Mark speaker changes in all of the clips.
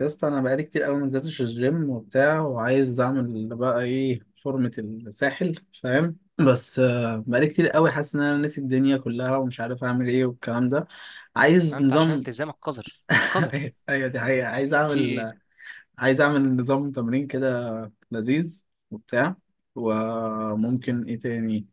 Speaker 1: يا اسطى انا بقالي كتير قوي ما نزلتش الجيم وبتاع وعايز اعمل بقى ايه فورمة الساحل. فاهم، بس بقالي كتير قوي حاسس ان انا ناسي الدنيا كلها ومش عارف اعمل ايه والكلام ده.
Speaker 2: ما
Speaker 1: عايز
Speaker 2: انت عشان
Speaker 1: نظام.
Speaker 2: التزامك قذر. قذر.
Speaker 1: ايوه دي حقيقة. عايز
Speaker 2: في ايه؟
Speaker 1: اعمل. عايز اعمل نظام تمرين كده لذيذ وبتاع. وممكن ايه تاني؟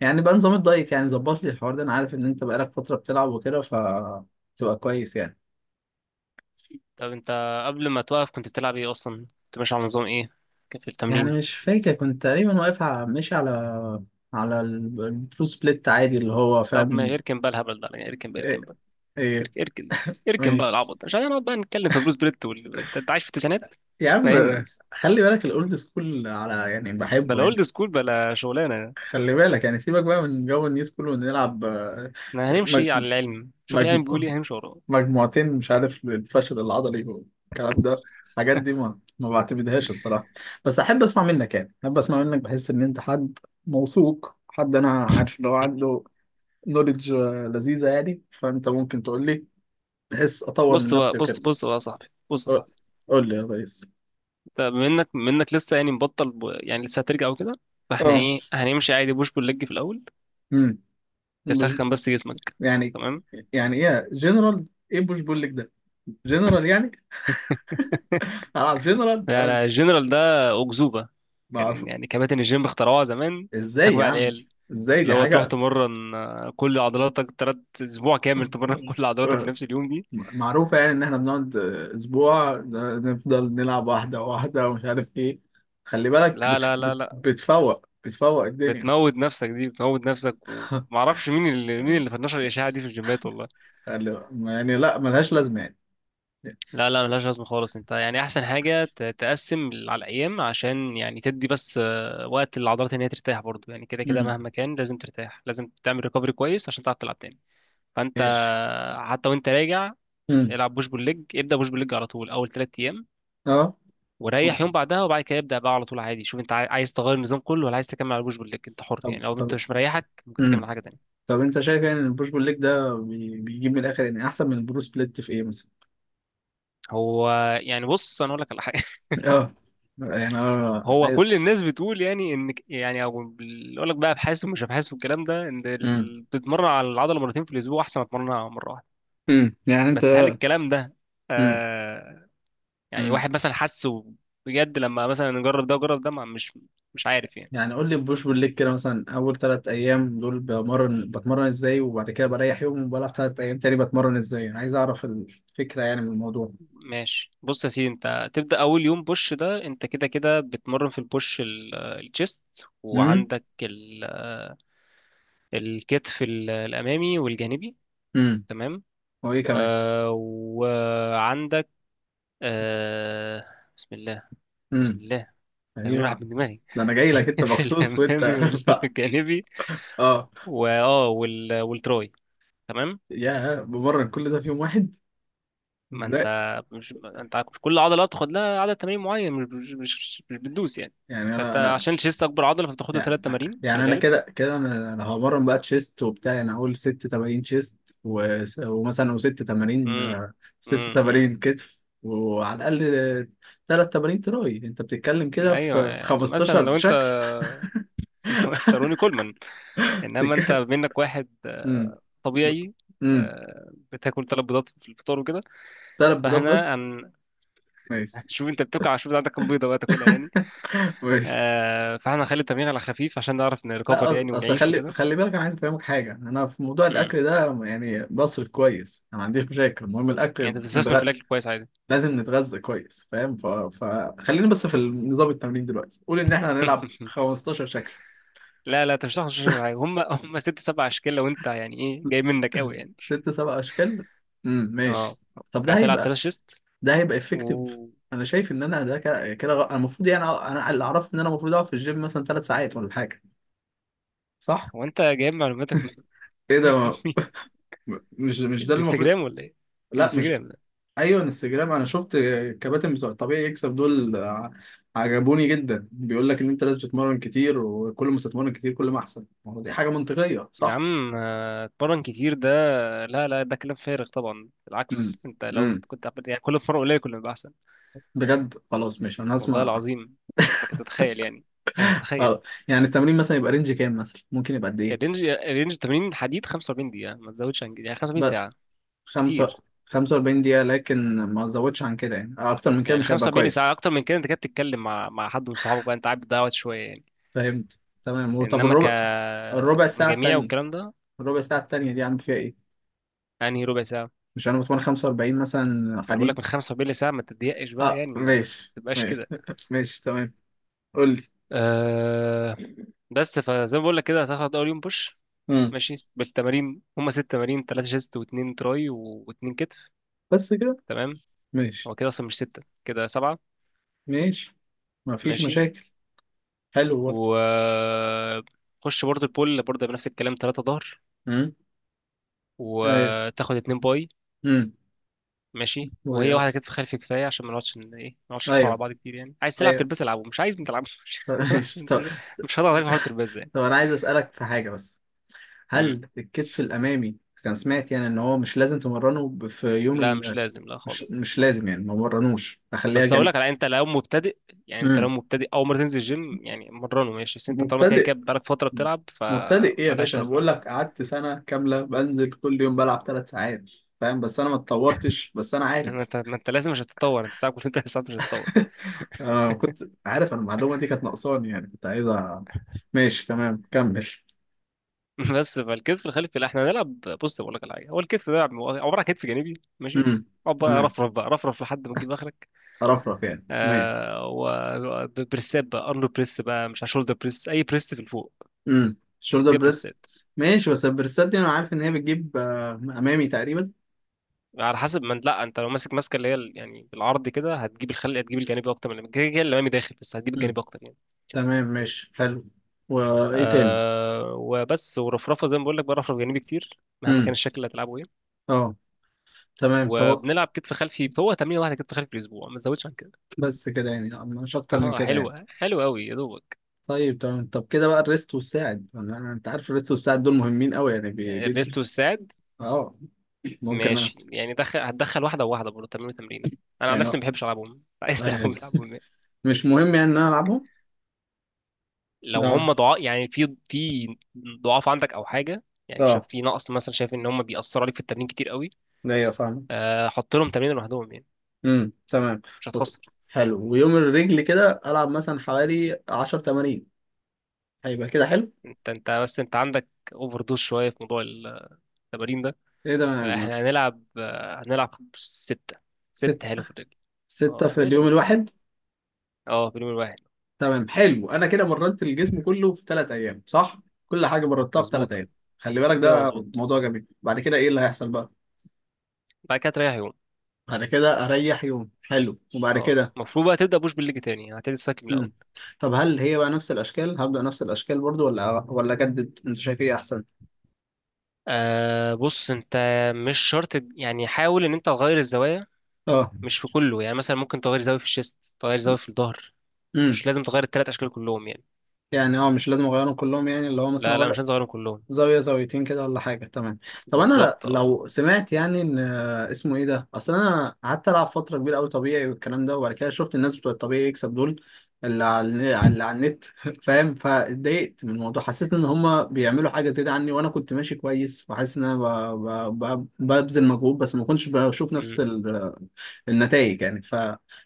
Speaker 1: يعني بقى نظام الدايت، يعني ظبط لي الحوار ده. انا عارف ان انت بقالك فترة بتلعب وكده، فتبقى كويس يعني.
Speaker 2: طب انت، قبل ما توقف كنت بتلعب ايه اصلا؟ كنت ماشي على نظام ايه؟ كان في
Speaker 1: يعني
Speaker 2: التمرين؟
Speaker 1: مش فاكر، كنت تقريبا واقف على ماشي على على البلو سبليت عادي اللي هو،
Speaker 2: طب ما
Speaker 1: فاهم؟
Speaker 2: اركن بقى الهبل ده يعني، اركن بقى،
Speaker 1: ايه؟
Speaker 2: اركن بقى
Speaker 1: ايه؟
Speaker 2: اركن اركن اركن, اركن بقى
Speaker 1: ماشي
Speaker 2: العبط ده، عشان نقعد بقى نتكلم في بروس بريت انت عايش في التسعينات.
Speaker 1: يا عم.
Speaker 2: فاهمني بس.
Speaker 1: خلي بالك الاولد سكول على يعني بحبه
Speaker 2: بلا اولد
Speaker 1: يعني.
Speaker 2: سكول بلا شغلانه.
Speaker 1: خلي بالك يعني، سيبك بقى من جو النيو سكول ونلعب.
Speaker 2: احنا هنمشي
Speaker 1: مج...
Speaker 2: على العلم، شوف
Speaker 1: مج...
Speaker 2: العلم بيقول ايه هنمشي وراه.
Speaker 1: مجموعتين، مش عارف الفشل العضلي والكلام ده. الحاجات دي ما بعتمدهاش الصراحة. بس أحب أسمع منك، يعني أحب أسمع منك، بحس إن أنت حد موثوق، حد أنا عارف إن هو عنده نوليدج لذيذة يعني، فأنت ممكن تقول لي بحيث أطور من
Speaker 2: بص بقى،
Speaker 1: نفسي وكده.
Speaker 2: بص بص بقى يا صاحبي بص يا
Speaker 1: قول
Speaker 2: صاحبي،
Speaker 1: قول لي يا ريس.
Speaker 2: انت منك لسه يعني، مبطل يعني لسه هترجع وكده، فاحنا
Speaker 1: اه
Speaker 2: ايه، هنمشي عادي بوش بول ليج في الاول،
Speaker 1: امم مش
Speaker 2: تسخن بس جسمك،
Speaker 1: يعني.
Speaker 2: تمام.
Speaker 1: يعني ايه جنرال؟ ايه بوش؟ بقول لك ده جنرال يعني. العب جنرال
Speaker 2: لا
Speaker 1: أنا؟
Speaker 2: لا، الجنرال ده أكذوبة.
Speaker 1: ما اعرف.
Speaker 2: كان يعني كباتن الجيم اخترعوها زمان،
Speaker 1: ازاي
Speaker 2: بيضحكوا
Speaker 1: يا
Speaker 2: بقى على
Speaker 1: عم؟
Speaker 2: العيال،
Speaker 1: ازاي؟
Speaker 2: اللي
Speaker 1: دي
Speaker 2: هو تروح
Speaker 1: حاجه
Speaker 2: تمرن، كل عضلاتك تلات أسبوع كامل تمرن كل عضلاتك في
Speaker 1: آه،
Speaker 2: نفس اليوم دي.
Speaker 1: معروفه يعني، ان احنا بنقعد اسبوع نفضل نلعب واحده واحده ومش عارف ايه. خلي بالك
Speaker 2: لا لا لا لا
Speaker 1: بتفوق الدنيا.
Speaker 2: بتموت نفسك، دي بتموت نفسك، ومعرفش مين اللي، مين اللي فنشر الإشاعة دي في الجيمات والله.
Speaker 1: قال لي يعني لا، ملهاش لازمه يعني.
Speaker 2: لا لا، ملهاش لازمة خالص. انت يعني أحسن حاجة تقسم على الأيام، عشان يعني تدي بس وقت للعضلات إن هي ترتاح برضه، يعني كده كده
Speaker 1: امم
Speaker 2: مهما كان لازم ترتاح، لازم تعمل ريكفري كويس عشان تعرف تلعب تاني. فانت
Speaker 1: ماشي.
Speaker 2: حتى وانت راجع،
Speaker 1: امم
Speaker 2: العب بوش بول ليج، ابدا بوش بول ليج على طول اول ثلاث ايام،
Speaker 1: اه
Speaker 2: وريح يوم بعدها، وبعد كده ابدا بقى على طول عادي. شوف انت عايز تغير النظام كله، ولا عايز تكمل على بوش بول ليج، انت حر
Speaker 1: طب
Speaker 2: يعني. لو انت
Speaker 1: طب
Speaker 2: مش مريحك ممكن تكمل
Speaker 1: امم
Speaker 2: على حاجه تانية.
Speaker 1: طب انت شايف يعني ان البوش بول ليج ده بيجيب من الاخر يعني احسن من البرو سبليت في ايه مثلا؟
Speaker 2: هو يعني بص، انا اقول لك على حاجه.
Speaker 1: اه يعني اه
Speaker 2: هو
Speaker 1: ايوه.
Speaker 2: كل الناس بتقول يعني ان، يعني او بيقول لك بقى ابحاث ومش ابحاث والكلام ده، ان
Speaker 1: امم
Speaker 2: تتمرن على العضله مرتين في الاسبوع احسن ما تتمرنها مره واحده.
Speaker 1: يعني انت.
Speaker 2: بس هل الكلام ده
Speaker 1: امم
Speaker 2: آه، يعني
Speaker 1: امم
Speaker 2: واحد مثلا حاسه بجد، لما مثلا نجرب ده وجرب ده مش مش عارف يعني.
Speaker 1: يعني قول لي البوش بول ليج كده مثلا، اول ثلاث ايام دول بمرن، بتمرن ازاي؟ وبعد كده بريح يوم وبلعب ثلاث ايام تاني، بتمرن ازاي؟ عايز اعرف الفكره يعني من الموضوع.
Speaker 2: ماشي، بص يا سيدي، انت تبدأ اول يوم بوش، ده انت كده كده بتمرن في البوش الجيست،
Speaker 1: امم
Speaker 2: وعندك الكتف الامامي والجانبي،
Speaker 1: امم
Speaker 2: تمام.
Speaker 1: وايه كمان؟
Speaker 2: آه وعندك، آه، بسم الله، بسم
Speaker 1: امم
Speaker 2: الله، تمرين راح
Speaker 1: ايوه.
Speaker 2: من دماغي.
Speaker 1: ده انا جاي لك انت
Speaker 2: الكتف
Speaker 1: مخصوص وانت
Speaker 2: الامامي
Speaker 1: ف-
Speaker 2: والجانبي،
Speaker 1: اه
Speaker 2: والتراي، تمام.
Speaker 1: يا بمرن كل ده في يوم واحد؟
Speaker 2: ما انت
Speaker 1: ازاي؟
Speaker 2: مش، ما انت مش كل عضله تاخد لها عدد تمارين معين، مش بتدوس يعني.
Speaker 1: يعني
Speaker 2: فانت
Speaker 1: انا
Speaker 2: عشان الشيست اكبر عضله فبتاخد له ثلاث
Speaker 1: يعني.
Speaker 2: تمارين في
Speaker 1: يعني انا
Speaker 2: الغالب.
Speaker 1: كده كده، أنا همرن بقى تشيست وبتاع. انا هقول ست تمارين تشيست ومثلا وست تمارين،
Speaker 2: امم،
Speaker 1: ست
Speaker 2: امم،
Speaker 1: تمارين كتف، وعلى الاقل ثلاث تمارين تراي. انت بتتكلم كده
Speaker 2: ايوه.
Speaker 1: في
Speaker 2: يعني مثلا
Speaker 1: 15
Speaker 2: لو انت،
Speaker 1: شكل.
Speaker 2: لو انت روني كولمان، انما انت
Speaker 1: بتتكلم.
Speaker 2: منك واحد
Speaker 1: امم
Speaker 2: طبيعي،
Speaker 1: امم
Speaker 2: بتاكل ثلاث بيضات في الفطار وكده،
Speaker 1: ثلاث بيضات
Speaker 2: فاحنا
Speaker 1: بس؟
Speaker 2: هن-
Speaker 1: ماشي.
Speaker 2: هنشوف انت بتاكل، هنشوف عندك كام بيضه بقى تاكلها يعني.
Speaker 1: ماشي.
Speaker 2: فاحنا هنخلي التمرين على خفيف، عشان نعرف نريكفر
Speaker 1: لا
Speaker 2: يعني
Speaker 1: اصل
Speaker 2: ونعيش
Speaker 1: خلي،
Speaker 2: وكده.
Speaker 1: خلي بالك انا عايز افهمك حاجه. انا في موضوع
Speaker 2: امم،
Speaker 1: الاكل ده يعني بصرف كويس، انا ما عنديش مشاكل، المهم
Speaker 2: يعني انت
Speaker 1: الاكل
Speaker 2: بتستثمر في الاكل كويس عادي.
Speaker 1: لازم نتغذى كويس، فاهم؟ فخلينا بس في نظام التمرين دلوقتي. قول ان احنا هنلعب 15 شكل.
Speaker 2: لا لا، انت مش هتعرف تشرب حاجه. هم هم ست سبع اشكال لو انت يعني ايه، جاي
Speaker 1: س...
Speaker 2: منك قوي يعني.
Speaker 1: ست سبع اشكال؟
Speaker 2: اه،
Speaker 1: ماشي. طب ده
Speaker 2: هتلعب تلات
Speaker 1: هيبقى،
Speaker 2: شيست
Speaker 1: ده هيبقى افكتيف؟
Speaker 2: و،
Speaker 1: انا شايف ان انا ده كده كده انا المفروض يعني، انا اللي اعرف ان انا المفروض اقعد في الجيم مثلا ثلاث ساعات ولا حاجه، صح؟
Speaker 2: هو انت جايب معلوماتك من
Speaker 1: ايه ده؟
Speaker 2: من
Speaker 1: ما...
Speaker 2: مين؟
Speaker 1: مش ده اللي المفروض.
Speaker 2: الانستجرام ولا ايه؟
Speaker 1: لا مش.
Speaker 2: الانستجرام ده،
Speaker 1: ايوه انستجرام. انا شفت الكباتن بتوع الطبيعي يكسب دول عجبوني جدا، بيقول لك ان انت لازم تتمرن كتير، وكل ما تتمرن كتير كل ما احسن. ما هو دي حاجه منطقيه،
Speaker 2: يا
Speaker 1: صح؟
Speaker 2: عم اتمرن كتير ده، لا لا، ده كلام فارغ طبعا.
Speaker 1: امم
Speaker 2: بالعكس، انت لو
Speaker 1: امم
Speaker 2: كنت عملت يعني كل مرة قليل كل ما يبقى احسن.
Speaker 1: بجد؟ خلاص، مش انا
Speaker 2: والله
Speaker 1: هسمع.
Speaker 2: العظيم لك تتخيل يعني، تتخيل،
Speaker 1: خلاص. يعني التمرين مثلا يبقى رينج كام مثلا؟ ممكن يبقى قد ايه؟
Speaker 2: الرينج 80 حديد، 45 دقيقة ما تزودش عن كده، يعني 45
Speaker 1: بس؟
Speaker 2: ساعة
Speaker 1: خمسة؟
Speaker 2: كتير
Speaker 1: 45 دقيقه، لكن ما ازودش عن كده؟ يعني اكتر من كده
Speaker 2: يعني.
Speaker 1: مش هيبقى
Speaker 2: 75 ساعة
Speaker 1: كويس.
Speaker 2: أكتر من كده، أنت كده بتتكلم مع، مع حد من صحابك بقى، أنت قاعد بتضيع وقت شوية يعني،
Speaker 1: فهمت تمام. وطب
Speaker 2: إنما
Speaker 1: الربع، الربع ساعه
Speaker 2: كمجاميع
Speaker 1: التانيه،
Speaker 2: والكلام ده.
Speaker 1: الربع ساعه التانيه دي عامل فيها ايه؟
Speaker 2: أنهي ربع ساعة؟
Speaker 1: مش انا بتمرن 45 مثلا
Speaker 2: أنا بقول لك من
Speaker 1: حديد؟
Speaker 2: 45 ساعة ما تضيقش بقى
Speaker 1: اه
Speaker 2: يعني، ما
Speaker 1: ماشي،
Speaker 2: تبقاش
Speaker 1: ماشي.
Speaker 2: كده.
Speaker 1: ماشي تمام. قول لي.
Speaker 2: أه بس فزي ما بقول لك كده، هتاخد أول يوم بوش،
Speaker 1: امم
Speaker 2: ماشي بالتمارين، هما ست تمارين، تلاتة شيست واتنين تراي واتنين كتف،
Speaker 1: بس كده؟
Speaker 2: تمام.
Speaker 1: ماشي.
Speaker 2: هو كده أصلا مش ستة، كده سبعة،
Speaker 1: ماشي، ما فيش
Speaker 2: ماشي.
Speaker 1: مشاكل. حلو
Speaker 2: و
Speaker 1: برضه.
Speaker 2: خش برضه البول برضه بنفس الكلام، تلاتة ظهر
Speaker 1: امم ايوه.
Speaker 2: وتاخد اتنين باي،
Speaker 1: امم
Speaker 2: ماشي. وهي
Speaker 1: و-
Speaker 2: واحده كتف خلفي كفايه، عشان ما نقعدش ن- ايه ما نقعدش نحاور
Speaker 1: ايوه.
Speaker 2: على بعض كتير يعني. عايز تلعب
Speaker 1: ايوه.
Speaker 2: ترباز العبه، مش عايز ما تلعبش
Speaker 1: طب
Speaker 2: خلاص
Speaker 1: ماشي.
Speaker 2: انت
Speaker 1: طب.
Speaker 2: مش، مش هضغط عليك في حوار الترباز يعني.
Speaker 1: طب انا عايز اسالك في حاجه بس.
Speaker 2: مم.
Speaker 1: هل الكتف الامامي كان، سمعت يعني ان هو مش لازم تمرنه في يوم
Speaker 2: لا مش لازم، لا
Speaker 1: مش،
Speaker 2: خالص.
Speaker 1: مش لازم يعني، ما مرنوش، اخليها
Speaker 2: بس اقول
Speaker 1: جن.
Speaker 2: لك على، انت لو مبتدئ يعني، انت لو
Speaker 1: امم
Speaker 2: مبتدئ اول مره تنزل الجيم يعني مرنه، ماشي. بس انت طالما كده
Speaker 1: مبتدئ؟
Speaker 2: كده بقالك فتره بتلعب
Speaker 1: مبتدئ ايه يا
Speaker 2: فمالهاش
Speaker 1: باشا؟ انا
Speaker 2: لازمه.
Speaker 1: بقول لك قعدت سنه كامله بنزل كل يوم بلعب ثلاث ساعات، فاهم؟ بس انا ما اتطورتش. بس انا
Speaker 2: ما
Speaker 1: عارف،
Speaker 2: انت، ما انت لازم مش هتتطور. انت بتلعب كل ثلاث ساعات مش هتتطور.
Speaker 1: انا كنت عارف، انا المعلومه دي كانت ناقصاني يعني، كنت عايزها. ماشي تمام، كمل.
Speaker 2: بس فالكتف الخلفي لا احنا هنلعب، بص بقول لك على حاجه، هو الكتف ده عباره عن كتف جانبي، ماشي.
Speaker 1: امم
Speaker 2: اقعد بقى
Speaker 1: تمام.
Speaker 2: رفرف بقى، رفرف لحد ما تجيب اخرك.
Speaker 1: رفرف يعني، تمام.
Speaker 2: آه وبريسات بقى، ارنولد بريس بقى مش شولدر بريس، اي بريس في الفوق
Speaker 1: شولدر
Speaker 2: تديها
Speaker 1: بريس.
Speaker 2: بريسات.
Speaker 1: ماشي، بس البريسات دي انا عارف ان هي بتجيب امامي تقريبا.
Speaker 2: على حسب ما انت، لا انت لو ماسك ماسكه اللي هي يعني بالعرض كده هتجيب الخلق، هتجيب الجانبي اكتر، من كده كده الامامي داخل، بس هتجيب
Speaker 1: امم
Speaker 2: الجانبي اكتر يعني.
Speaker 1: تمام ماشي حلو. وايه تاني؟
Speaker 2: آه وبس ورفرفه زي ما بقول لك، برفرف جانبي كتير مهما كان
Speaker 1: امم
Speaker 2: الشكل اللي هتلعبه ايه.
Speaker 1: اه تمام. طب
Speaker 2: وبنلعب كتف خلفي، هو تمرين واحده كتف خلفي في الاسبوع ما تزودش عن كده.
Speaker 1: بس كده، يعني مش اكتر من
Speaker 2: اه
Speaker 1: كده يعني؟
Speaker 2: حلوه، حلوه قوي يا دوبك.
Speaker 1: طيب، تمام. طب كده بقى الريست والساعد. انت عارف الريست والساعد دول مهمين قوي يعني،
Speaker 2: الريست والساعد،
Speaker 1: اه ممكن انا
Speaker 2: ماشي يعني دخل، هتدخل واحده وواحده برضه، تمرين وتمرين. انا عن
Speaker 1: يعني،
Speaker 2: نفسي ما بحبش العبهم، عايز
Speaker 1: آه،
Speaker 2: تلعبهم العبهم.
Speaker 1: مش مهم يعني ان انا العبهم؟
Speaker 2: لو
Speaker 1: اه.
Speaker 2: هم ضعاف يعني في، في ضعاف عندك او حاجه، يعني شايف
Speaker 1: اه،
Speaker 2: في نقص، مثلا شايف ان هم بيأثروا عليك في التمرين كتير قوي،
Speaker 1: ايوه فاهمك.
Speaker 2: حط لهم تمرين لوحدهم يعني،
Speaker 1: تمام.
Speaker 2: مش
Speaker 1: وط-
Speaker 2: هتخسر.
Speaker 1: حلو. ويوم الرجل كده العب مثلا حوالي 10 تمارين، هيبقى كده حلو؟
Speaker 2: انت انت بس، انت عندك اوفر دوز شويه في موضوع التمارين ده.
Speaker 1: ايه ده؟ أنا-
Speaker 2: احنا هنلعب هنلعب سته، ست
Speaker 1: ست؟
Speaker 2: حلو في الرجل،
Speaker 1: ستة
Speaker 2: اه
Speaker 1: في
Speaker 2: زي
Speaker 1: اليوم
Speaker 2: الفل،
Speaker 1: الواحد؟
Speaker 2: اه في اليوم الواحد،
Speaker 1: تمام حلو. انا كده مرنت الجسم كله في ثلاث ايام، صح؟ كل حاجه مرنتها في ثلاث
Speaker 2: مظبوط
Speaker 1: ايام.
Speaker 2: كده،
Speaker 1: خلي بالك
Speaker 2: كده
Speaker 1: ده
Speaker 2: مظبوط.
Speaker 1: موضوع جميل. بعد كده ايه اللي هيحصل بقى؟
Speaker 2: بعد كده تريح يوم،
Speaker 1: بعد كده اريح يوم، حلو، وبعد
Speaker 2: اه
Speaker 1: كده؟
Speaker 2: المفروض بقى تبدا بوش بالليج تاني، هتبتدي السايكل من الاول.
Speaker 1: مم. طب هل هي بقى نفس الاشكال؟ هبدأ نفس الاشكال برضو، ولا اجدد؟ انت شايف ايه احسن؟
Speaker 2: آه بص انت مش شرط، يعني حاول ان انت تغير الزوايا،
Speaker 1: اه
Speaker 2: مش في كله يعني. مثلا ممكن تغير زاوية في الشيست، تغير زاوية في الظهر،
Speaker 1: امم
Speaker 2: مش لازم تغير التلات أشكال كلهم يعني.
Speaker 1: يعني اه، مش لازم اغيرهم كلهم يعني؟ اللي هو
Speaker 2: لا لا
Speaker 1: مثلا
Speaker 2: مش لازم تغيرهم كلهم،
Speaker 1: زاوية زاويتين كده ولا حاجة؟ تمام. طب أنا
Speaker 2: بالظبط اه.
Speaker 1: لو سمعت يعني إن، اسمه إيه ده؟ أصل أنا قعدت ألعب فترة كبيرة أوي طبيعي والكلام ده، وبعد كده شفت الناس بتوع الطبيعي يكسب دول، اللي على، اللي على النت، فاهم؟ فاتضايقت من الموضوع. حسيت إن هما بيعملوا حاجة زيادة عني، وأنا كنت ماشي كويس وحاسس إن أنا ببذل مجهود، بس ما كنتش بشوف
Speaker 2: أمم.
Speaker 1: نفس النتائج يعني.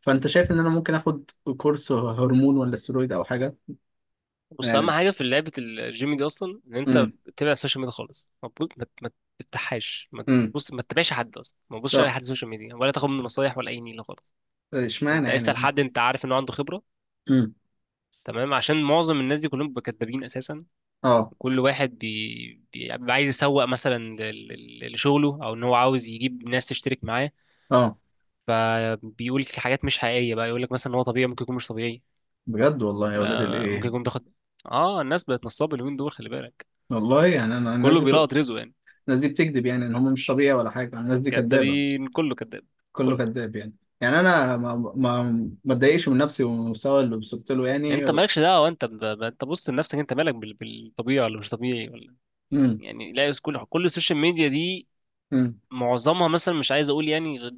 Speaker 1: فأنت شايف إن أنا ممكن آخد كورس هرمون ولا استرويد أو حاجة؟
Speaker 2: بص، أهم
Speaker 1: يعني.
Speaker 2: حاجة في لعبة الجيم دي أصلا إن أنت
Speaker 1: امم
Speaker 2: تبعد السوشيال ميديا خالص. ما تفتحهاش، ما
Speaker 1: امم
Speaker 2: تبص، ما تتابعش حد أصلا، ما تبصش على
Speaker 1: طب
Speaker 2: حد سوشيال ميديا، ولا تاخد منه نصايح ولا أي نيلة خالص.
Speaker 1: اشمعنى
Speaker 2: أنت اسأل
Speaker 1: يعني؟
Speaker 2: حد أنت عارف إنه عنده خبرة،
Speaker 1: امم
Speaker 2: تمام. عشان معظم الناس دي كلهم بيبقوا كدابين اساسا.
Speaker 1: اه
Speaker 2: كل واحد بيبقى عايز يسوق مثلا لشغله، او ان هو عاوز يجيب ناس تشترك معاه،
Speaker 1: اه
Speaker 2: فبيقول حاجات مش حقيقية بقى. يقول لك مثلا ان هو طبيعي، ممكن يكون مش طبيعي،
Speaker 1: بجد؟ والله يا ولاد
Speaker 2: ممكن
Speaker 1: الايه.
Speaker 2: يكون بياخد، اه الناس بقت نصابة اليومين دول خلي بالك،
Speaker 1: والله يعني انا الناس
Speaker 2: كله
Speaker 1: دي كل،
Speaker 2: بيلقط رزقه يعني.
Speaker 1: الناس دي بتكذب يعني، ان هم مش طبيعي ولا حاجه؟ الناس دي كدابه؟
Speaker 2: كدابين، كله كداب،
Speaker 1: كله
Speaker 2: كله.
Speaker 1: كذاب يعني؟ يعني انا ما اتضايقش من نفسي ومن المستوى اللي وصلت له يعني؟
Speaker 2: انت مالكش دعوة، انت انت بص لنفسك، انت مالك بالطبيعي ولا مش طبيعي ولا إيه؟
Speaker 1: امم
Speaker 2: يعني لا، كل السوشيال ميديا دي
Speaker 1: امم
Speaker 2: معظمها مثلا، مش عايز اقول يعني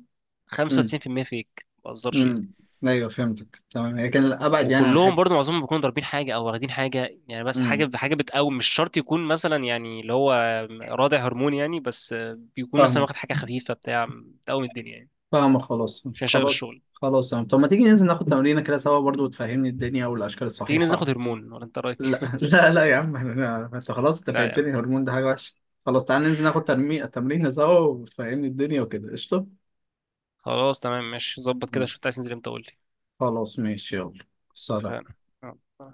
Speaker 1: امم
Speaker 2: 95% فيك، ما بهزرش يعني.
Speaker 1: امم ايوه فهمتك تمام. هي كان ابعد يعني عن
Speaker 2: وكلهم
Speaker 1: حته.
Speaker 2: برضو معظمهم بيكونوا ضاربين حاجه او واخدين حاجه يعني، بس
Speaker 1: امم
Speaker 2: حاجه، حاجه بتقوم مش شرط يكون مثلا يعني اللي هو رادع هرمون يعني، بس بيكون مثلا
Speaker 1: فاهمك،
Speaker 2: واخد حاجه خفيفه بتاع بتقوم الدنيا يعني.
Speaker 1: فاهمك. خلاص
Speaker 2: مش هنشغل
Speaker 1: خلاص
Speaker 2: الشغل.
Speaker 1: خلاص تمام. طب ما تيجي ننزل ناخد تمرينه كده سوا برضو وتفهمني الدنيا والاشكال
Speaker 2: تيجي ننزل ناخد
Speaker 1: الصحيحه؟
Speaker 2: هرمون ولا، انت
Speaker 1: لا
Speaker 2: رايك؟
Speaker 1: لا لا يا عم، احنا انت خلاص، انت
Speaker 2: لا يا
Speaker 1: فهمتني
Speaker 2: عم.
Speaker 1: الهرمون ده حاجة وحشة. خلاص تعالى ننزل ناخد تمرين، تمرين سوا، وتفهمني الدنيا وكده، قشطة.
Speaker 2: خلاص تمام ماشي، ظبط كده،
Speaker 1: نعم.
Speaker 2: شوف انت عايز تنزل امتى قول لي.
Speaker 1: خلاص ماشي يلا. سلام
Speaker 2: اتفقنا، يلا.